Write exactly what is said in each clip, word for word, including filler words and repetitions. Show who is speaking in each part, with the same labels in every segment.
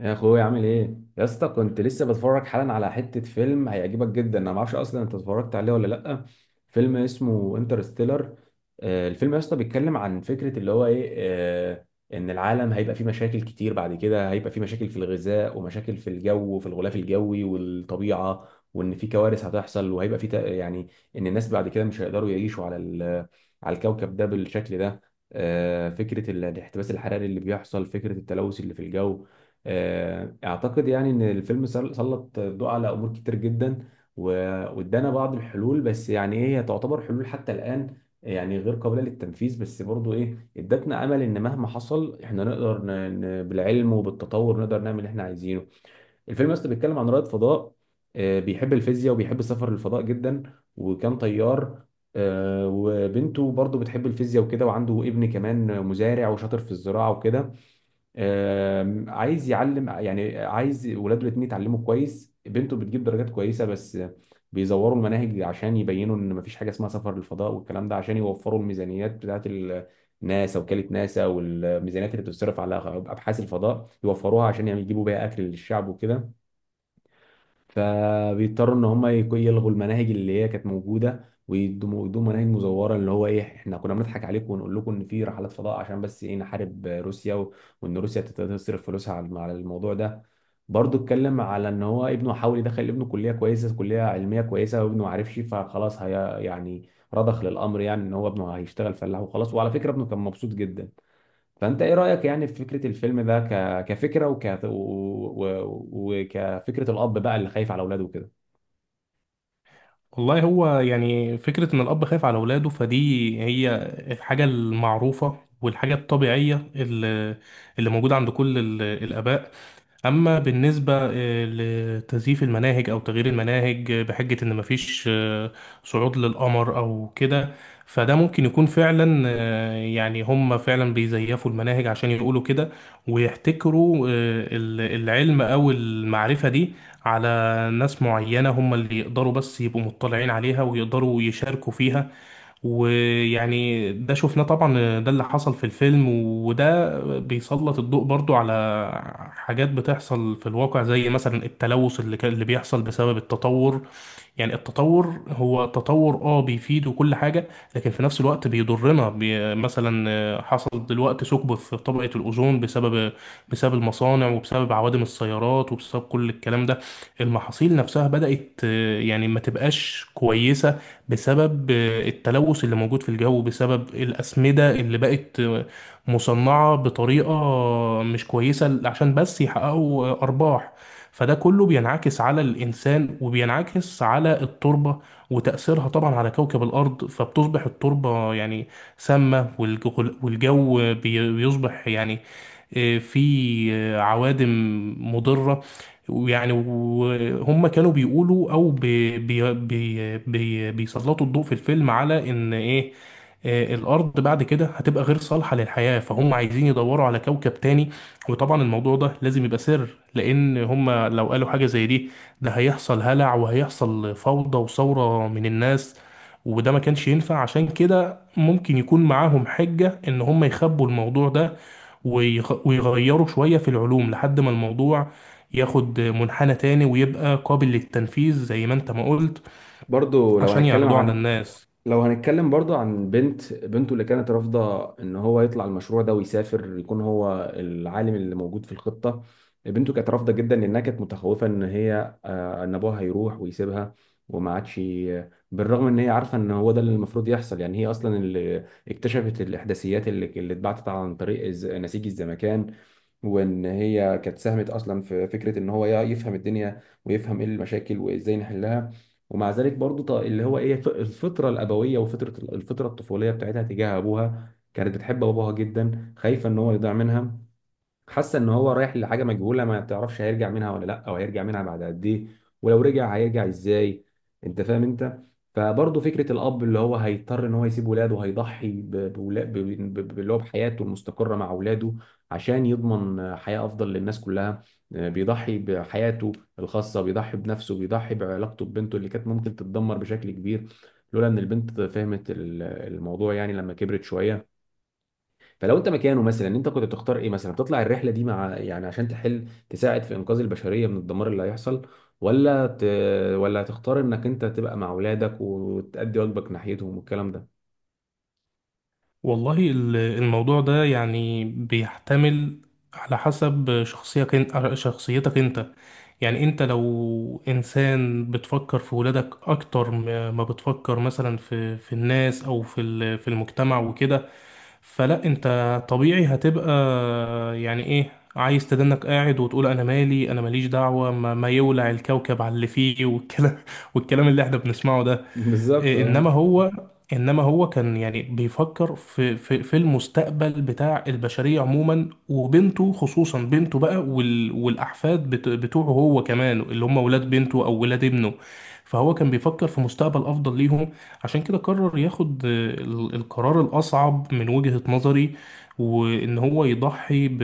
Speaker 1: يا اخويا عامل ايه يا اسطى؟ كنت لسه بتفرج حالا على حته فيلم هيعجبك جدا. انا ما اعرفش اصلا انت اتفرجت عليه ولا لا. فيلم اسمه انترستيلر. الفيلم يا اسطى بيتكلم عن فكره اللي هو ايه، آه، ان العالم هيبقى فيه مشاكل كتير بعد كده، هيبقى فيه مشاكل في الغذاء ومشاكل في الجو وفي الغلاف الجوي والطبيعه، وان في كوارث هتحصل وهيبقى فيه تق- يعني ان الناس بعد كده مش هيقدروا يعيشوا على ال- على الكوكب ده بالشكل ده. آه، فكره ال- الاحتباس الحراري اللي بيحصل، فكره التلوث اللي في الجو. آه، اعتقد يعني ان الفيلم سل- سلط الضوء على امور كتير جدا و- وادانا بعض الحلول. بس يعني ايه، هي تعتبر حلول حتى الان يعني غير قابله للتنفيذ، بس برضو ايه، ادتنا امل ان مهما حصل احنا نقدر ن... ن... بالعلم وبالتطور نقدر نعمل اللي احنا عايزينه. الفيلم اصلا بيتكلم عن رائد فضاء، آه، بيحب الفيزياء وبيحب السفر للفضاء جدا، وكان طيار. آه، وبنته برضو بتحب الفيزياء وكده، وعنده ابن كمان مزارع وشاطر في الزراعه وكده. آم، عايز يعلم، يعني عايز ولاده الاثنين يتعلموا كويس. بنته بتجيب درجات كويسه، بس بيزوروا المناهج عشان يبينوا ان مفيش حاجه اسمها سفر للفضاء والكلام ده، عشان يوفروا الميزانيات بتاعت ال- ناسا، وكاله ناسا، والميزانيات اللي بتصرف على ابحاث الفضاء يوفروها عشان يعني يجيبوا بيها اكل للشعب وكده. فبيضطروا ان هم يك- يلغوا المناهج اللي هي كانت موجوده ويدوا ويدوا مناهج مزوره، اللي هو ايه، احنا كنا بنضحك عليكم ونقول لكم ان في رحلات فضاء، عشان بس ايه، نحارب روسيا و- وان روسيا تت- تصرف فلوسها على على الموضوع ده. برضه اتكلم على ان هو ابنه حاول يدخل ابنه كليه كويسه، كليه علميه كويسه، وابنه ما عرفش، فخلاص هي يعني رضخ للامر، يعني ان هو ابنه هيشتغل فلاح وخلاص. وعلى فكره ابنه كان مبسوط جدا. فانت ايه رايك يعني في فكره الفيلم ده ك... كفكره وك... و... و... وكفكره الاب بقى اللي خايف على اولاده وكده؟
Speaker 2: والله هو يعني فكرة إن الأب خايف على أولاده فدي هي الحاجة المعروفة والحاجة الطبيعية اللي اللي موجودة عند كل ال- الآباء. أما بالنسبة آه، لتزييف المناهج أو تغيير المناهج، آه، بحجة إن مفيش آه، صعود للقمر أو كده، فده ممكن يكون فعلا، آه، يعني هم فعلا بيزيفوا المناهج عشان يقولوا كده، ويحتكروا آه، ال- العلم أو المعرفة دي على ناس معينة هم اللي يقدروا بس يبقوا مطلعين عليها ويقدروا يشاركوا فيها. ويعني ده شفناه طبعا، ده اللي حصل في الفيلم، وده بيسلط الضوء برضو على حاجات بتحصل في الواقع، زي مثلا التلوث اللي كان- اللي بيحصل بسبب التطور. يعني التطور هو تطور اه بيفيد وكل حاجة، لكن في نفس الوقت بيضرنا. بي مثلا، آه، حصل دلوقتي ثقب في طبقة الأوزون بسبب، بسبب المصانع وبسبب عوادم السيارات وبسبب كل الكلام ده. المحاصيل نفسها بدأت، آه، يعني ما تبقاش كويسة بسبب، آه، التلوث اللي موجود في الجو، بسبب الأسمدة اللي بقت آه، مصنعة بطريقة مش كويسة عشان بس يحققوا آه، أرباح. فده كله بينعكس على الإنسان وبينعكس على التربة وتأثيرها طبعا على كوكب الأرض. فبتصبح التربة يعني سامة، والج- والجو بي- بيصبح يعني آه، في آه، عوادم مضرة. ويعني وهم كانوا بيقولوا او بي بي بي بي بيسلطوا الضوء في الفيلم على ان ايه، آه، الارض بعد كده هتبقى غير صالحة للحياة، فهم عايزين يدوروا على كوكب تاني. وطبعا الموضوع ده لازم يبقى سر، لان هم لو قالوا حاجة زي دي، ده هيحصل هلع وهيحصل فوضى وثورة من الناس، وده ما كانش ينفع. عشان كده ممكن يكون معاهم حجة ان هم يخبوا الموضوع ده ويغ- ويغيروا شوية في العلوم لحد ما الموضوع ياخد منحنى تاني ويبقى قابل للتنفيذ زي ما انت ما قلت،
Speaker 1: برضو لو
Speaker 2: عشان
Speaker 1: هنتكلم
Speaker 2: يعرضوه على
Speaker 1: عن
Speaker 2: الناس.
Speaker 1: لو هنتكلم برضو عن بنت بنته اللي كانت رافضة ان هو يطلع المشروع ده ويسافر يكون هو العالم اللي موجود في الخطة. بنته كانت رافضة جدا لانها كانت متخوفة ان هي، آه، ان ابوها هيروح ويسيبها، وما عادش ي- بالرغم ان هي عارفة ان هو ده اللي المفروض يحصل، يعني هي اصلا اللي اكتشفت الاحداثيات اللي اللي اتبعتت عن طريق الز- نسيج الزمكان، وان هي كانت ساهمت اصلا في فكره ان هو يفهم الدنيا ويفهم ايه المشاكل وازاي نحلها. ومع ذلك برضو ط- اللي هو ايه ف- الفطره الابويه وفطره الفطره الطفوليه بتاعتها تجاه ابوها، كانت بتحب ابوها جدا، خايفه ان هو يضيع منها، حاسه ان هو رايح لحاجه مجهوله ما تعرفش هيرجع منها ولا لا، او هيرجع منها بعد قد ايه، ولو رجع هيرجع ازاي. انت فاهم انت. فبرضه فكره الاب اللي هو هيضطر ان هو يسيب ولاده، هيضحي ب- بولا- ب- ب- ب- اللي هو بحياته المستقره مع اولاده عشان يضمن حياه افضل للناس كلها. آه، بيضحي بحياته الخاصه، بيضحي بنفسه، بيضحي بعلاقته ببنته اللي كانت ممكن تتدمر بشكل كبير لولا ان البنت فهمت ال- الموضوع، يعني لما كبرت شويه. فلو انت مكانه مثلا، انت كنت تختار ايه؟ مثلا تطلع الرحله دي مع يعني عشان تحل تساعد في انقاذ البشريه من الدمار اللي هيحصل، ولا ت... ولا تختار انك انت تبقى مع اولادك وتأدي واجبك ناحيتهم والكلام ده؟
Speaker 2: والله ال- الموضوع ده يعني بيحتمل، على حسب شخصيتك انت، شخصيتك انت. يعني انت لو انسان بتفكر في ولادك اكتر ما ما بتفكر مثلا في في الناس او في ال- في المجتمع وكده، فلا انت طبيعي هتبقى يعني ايه، عايز تدنك قاعد وتقول انا مالي، انا ماليش دعوة، ما, ما يولع الكوكب على اللي فيه والكلام والكلام اللي احنا بنسمعه ده.
Speaker 1: بالظبط اه.
Speaker 2: انما هو انما هو كان يعني بيفكر في في في المستقبل بتاع البشريه عموما، وبنته خصوصا، بنته بقى وال والاحفاد بت- بتوعه هو كمان، اللي هم ولاد بنته او ولاد ابنه. فهو كان بيفكر في مستقبل افضل ليهم، عشان كده قرر ياخد آه، ال- القرار الاصعب من وجهه نظري، وان هو يضحي ب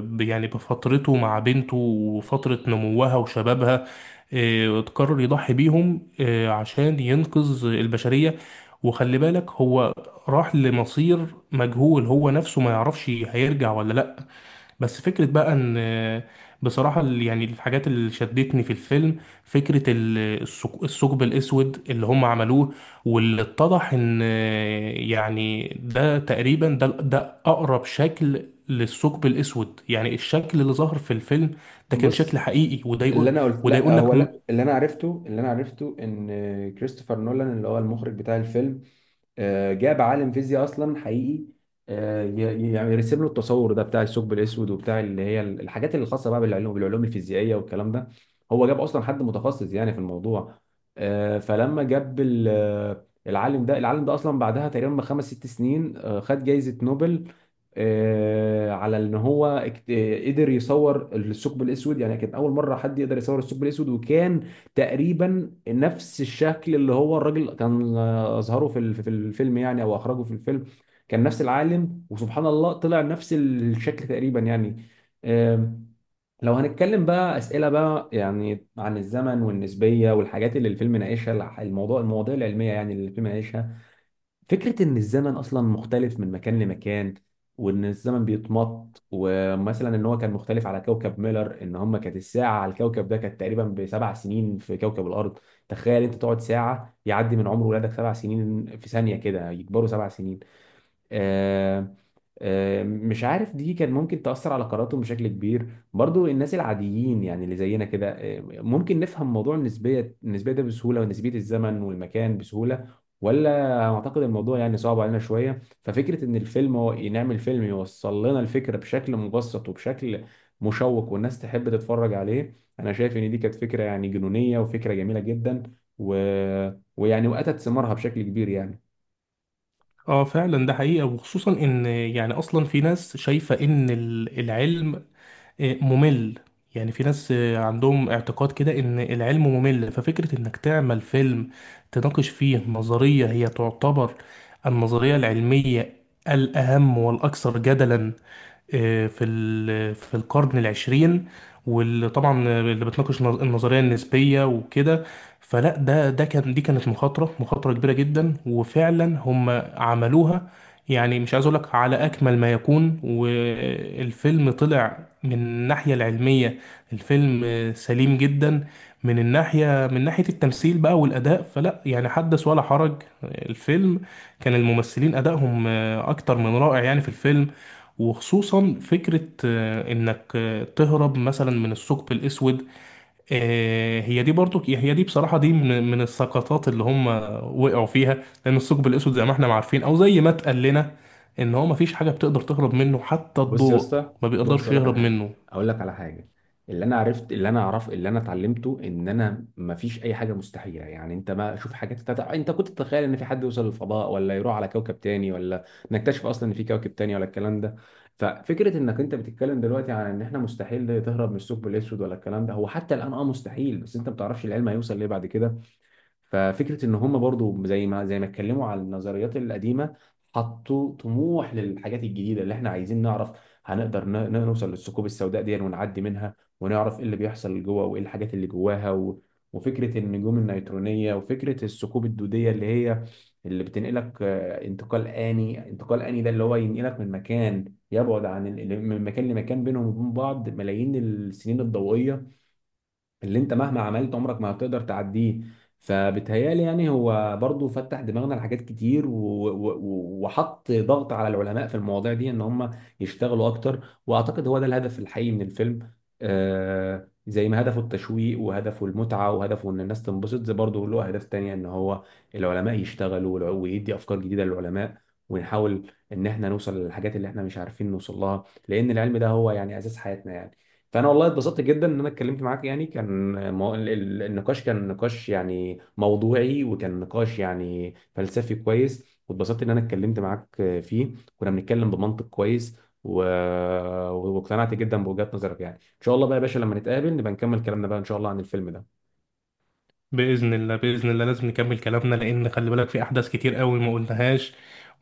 Speaker 2: ب- يعني بفترته مع بنته وفتره نموها وشبابها. آه، وتقرر يضحي بيهم، آه، عشان ينقذ البشرية. وخلي بالك هو راح لمصير مجهول، هو نفسه ما يعرفش هيرجع ولا لأ. بس فكرة بقى ان آه، بصراحة، ال- يعني الحاجات اللي شدتني في الفيلم، فكرة ال- الثق- الثقب الأسود اللي هم عملوه واللي اتضح ان، آه، يعني ده تقريبا، ده ده أقرب شكل للثقب الأسود. يعني الشكل اللي ظهر في الفيلم ده كان شكل
Speaker 1: بص،
Speaker 2: حقيقي. وده
Speaker 1: اللي
Speaker 2: يقول،
Speaker 1: انا قلت
Speaker 2: وده
Speaker 1: لا،
Speaker 2: يقول لك
Speaker 1: هو لا، اللي انا عرفته اللي انا عرفته ان كريستوفر نولان اللي هو المخرج بتاع الفيلم، آه، جاب عالم فيزياء اصلا حقيقي، آه، ي- يعني يرسم له التصور ده بتاع الثقب الاسود وبتاع اللي هي الحاجات اللي خاصه بقى بالعلوم، بالعلوم الفيزيائيه والكلام ده. هو جاب اصلا حد متخصص يعني في الموضوع. آه، فلما جاب ال- آه، العالم ده، العالم ده اصلا بعدها تقريبا بخمس ست سنين آه، خد جائزه نوبل، آه، على ان هو اكت- آه، قدر يصور الثقب الاسود. يعني كان اول مره حد يقدر يصور الثقب الاسود، وكان تقريبا نفس الشكل اللي هو الراجل كان آه، اظهره في ال- في الفيلم، يعني او اخرجه في الفيلم. كان نفس العالم وسبحان الله طلع نفس الشكل تقريبا يعني. آم، لو هنتكلم بقى اسئله بقى يعني عن الزمن والنسبيه والحاجات اللي الفيلم ناقشها، الح- الموضوع المواضيع العلميه يعني اللي الفيلم ناقشها. فكرة إن الزمن أصلا مختلف من مكان لمكان، وإن الزمن بيتمط، ومثلا إن هو كان مختلف على كوكب ميلر، إن هم كانت الساعة على الكوكب ده كانت تقريبا بسبع سنين في كوكب الأرض. تخيل أنت تقعد ساعة يعدي من عمر ولادك سبع سنين، في ثانية كده يكبروا سبع سنين. آه، آه، مش عارف دي كان ممكن تأثر على قراراتهم بشكل كبير. برضو الناس العاديين يعني اللي زينا كده، آه، ممكن نفهم موضوع النسبية، النسبية ده بسهولة، ونسبية الزمن والمكان بسهولة، ولا أعتقد الموضوع يعني صعب علينا شوية؟ ففكرة إن الفيلم هو نعمل فيلم يوصل لنا الفكرة بشكل مبسط وبشكل مشوق والناس تحب تتفرج عليه، أنا شايف إن دي كانت فكرة يعني جنونية وفكرة جميلة جدا، و... ويعني وأتت ثمارها بشكل كبير يعني.
Speaker 2: اه فعلا ده حقيقة. وخصوصا ان يعني اصلا في ناس شايفة ان ال- العلم آه، ممل، يعني في ناس آه، عندهم اعتقاد كده ان العلم ممل. ففكرة انك تعمل فيلم تناقش فيه نظرية هي تعتبر النظرية العلمية الاهم والاكثر جدلا آه، في ال- في القرن العشرين، وطبعا اللي بتناقش النظ- النظريه النسبيه وكده، فلا ده ده كان دي كانت مخاطره، مخاطره كبيره جدا، وفعلا هم عملوها يعني. مش عايز اقول لك على اكمل ما يكون، والفيلم طلع من الناحيه العلميه، الفيلم آه، سليم جدا. من الناحيه من ناحيه التمثيل بقى والاداء فلا يعني حدث ولا حرج. الفيلم كان الممثلين ادائهم آه، اكتر من رائع يعني في الفيلم. وخصوصا فكرة آه، انك آه، تهرب مثلا من الثقب الاسود، آه، هي دي برضو هي دي بصراحة، دي من من السقطات اللي هم وقعوا فيها، لان الثقب الاسود زي ما احنا ما عارفين، او زي ما اتقال لنا، ان هو ما فيش حاجة بتقدر تهرب منه، حتى
Speaker 1: بص يا
Speaker 2: الضوء
Speaker 1: اسطى،
Speaker 2: ما
Speaker 1: بص
Speaker 2: بيقدرش
Speaker 1: اقول لك على
Speaker 2: يهرب
Speaker 1: حاجه،
Speaker 2: منه.
Speaker 1: اقول لك على حاجه اللي انا عرفت، اللي انا اعرف اللي انا اتعلمته، ان انا ما فيش اي حاجه مستحيله. يعني انت ما شوف حاجات تتع... انت كنت تتخيل ان في حد يوصل للفضاء، ولا يروح على كوكب تاني، ولا نكتشف اصلا ان في كوكب تاني ولا الكلام ده؟ ففكره انك انت بتتكلم دلوقتي عن ان احنا مستحيل تهرب من الثقب الاسود ولا الكلام ده، هو حتى الان اه مستحيل، بس انت ما بتعرفش العلم هيوصل ليه بعد كده. ففكره ان هم برضو زي ما زي ما اتكلموا على النظريات القديمه، حطوا طموح للحاجات الجديده اللي احنا عايزين نعرف. هنقدر ن- ن- نوصل للثقوب السوداء دي ونعدي منها ونعرف ايه اللي بيحصل جوه وايه الحاجات اللي جواها، و... وفكره النجوم النيترونيه وفكره الثقوب الدوديه اللي هي اللي بتنقلك، آه، انتقال آني. انتقال آني ده اللي هو ينقلك من مكان يبعد عن ال... من مكان لمكان بينهم وبين بعض ملايين السنين الضوئية اللي انت مهما عملت عمرك ما هتقدر تعديه. فبتهيالي يعني هو برضو فتح دماغنا لحاجات كتير، و... و... و- وحط ضغط على العلماء في المواضيع دي ان هم يشتغلوا اكتر، واعتقد هو ده الهدف الحقيقي من الفيلم. آه زي ما هدفه التشويق وهدفه المتعة وهدفه ان الناس تنبسط، زي برضه له اهداف تانية، ان هو العلماء يشتغلوا والع- ويدي افكار جديدة للعلماء، ونحاول ان احنا نوصل للحاجات اللي احنا مش عارفين نوصل لها، لان العلم ده هو يعني اساس حياتنا يعني. فانا والله اتبسطت جدا ان انا اتكلمت معاك. يعني كان مو... ال- ال- النقاش كان نقاش يعني موضوعي، وكان نقاش يعني فلسفي كويس، واتبسطت ان انا اتكلمت معاك فيه، كنا بنتكلم بمنطق كويس، و... واقتنعت جدا بوجهات نظرك. يعني ان شاء الله بقى يا باشا لما نتقابل نبقى نكمل كلامنا بقى ان شاء الله عن الفيلم ده.
Speaker 2: بإذن الله، بإذن الله لازم نكمل كلامنا، لأن خلي بالك في أحداث كتير قوي ما قلناهاش،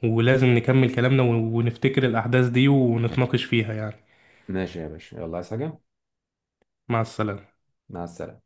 Speaker 2: ولازم نكمل كلامنا ون- ونفتكر الأحداث دي ونتناقش فيها يعني.
Speaker 1: ماشي يا باشا، يلا عايز حاجة؟
Speaker 2: مع السلامة.
Speaker 1: مع السلامة.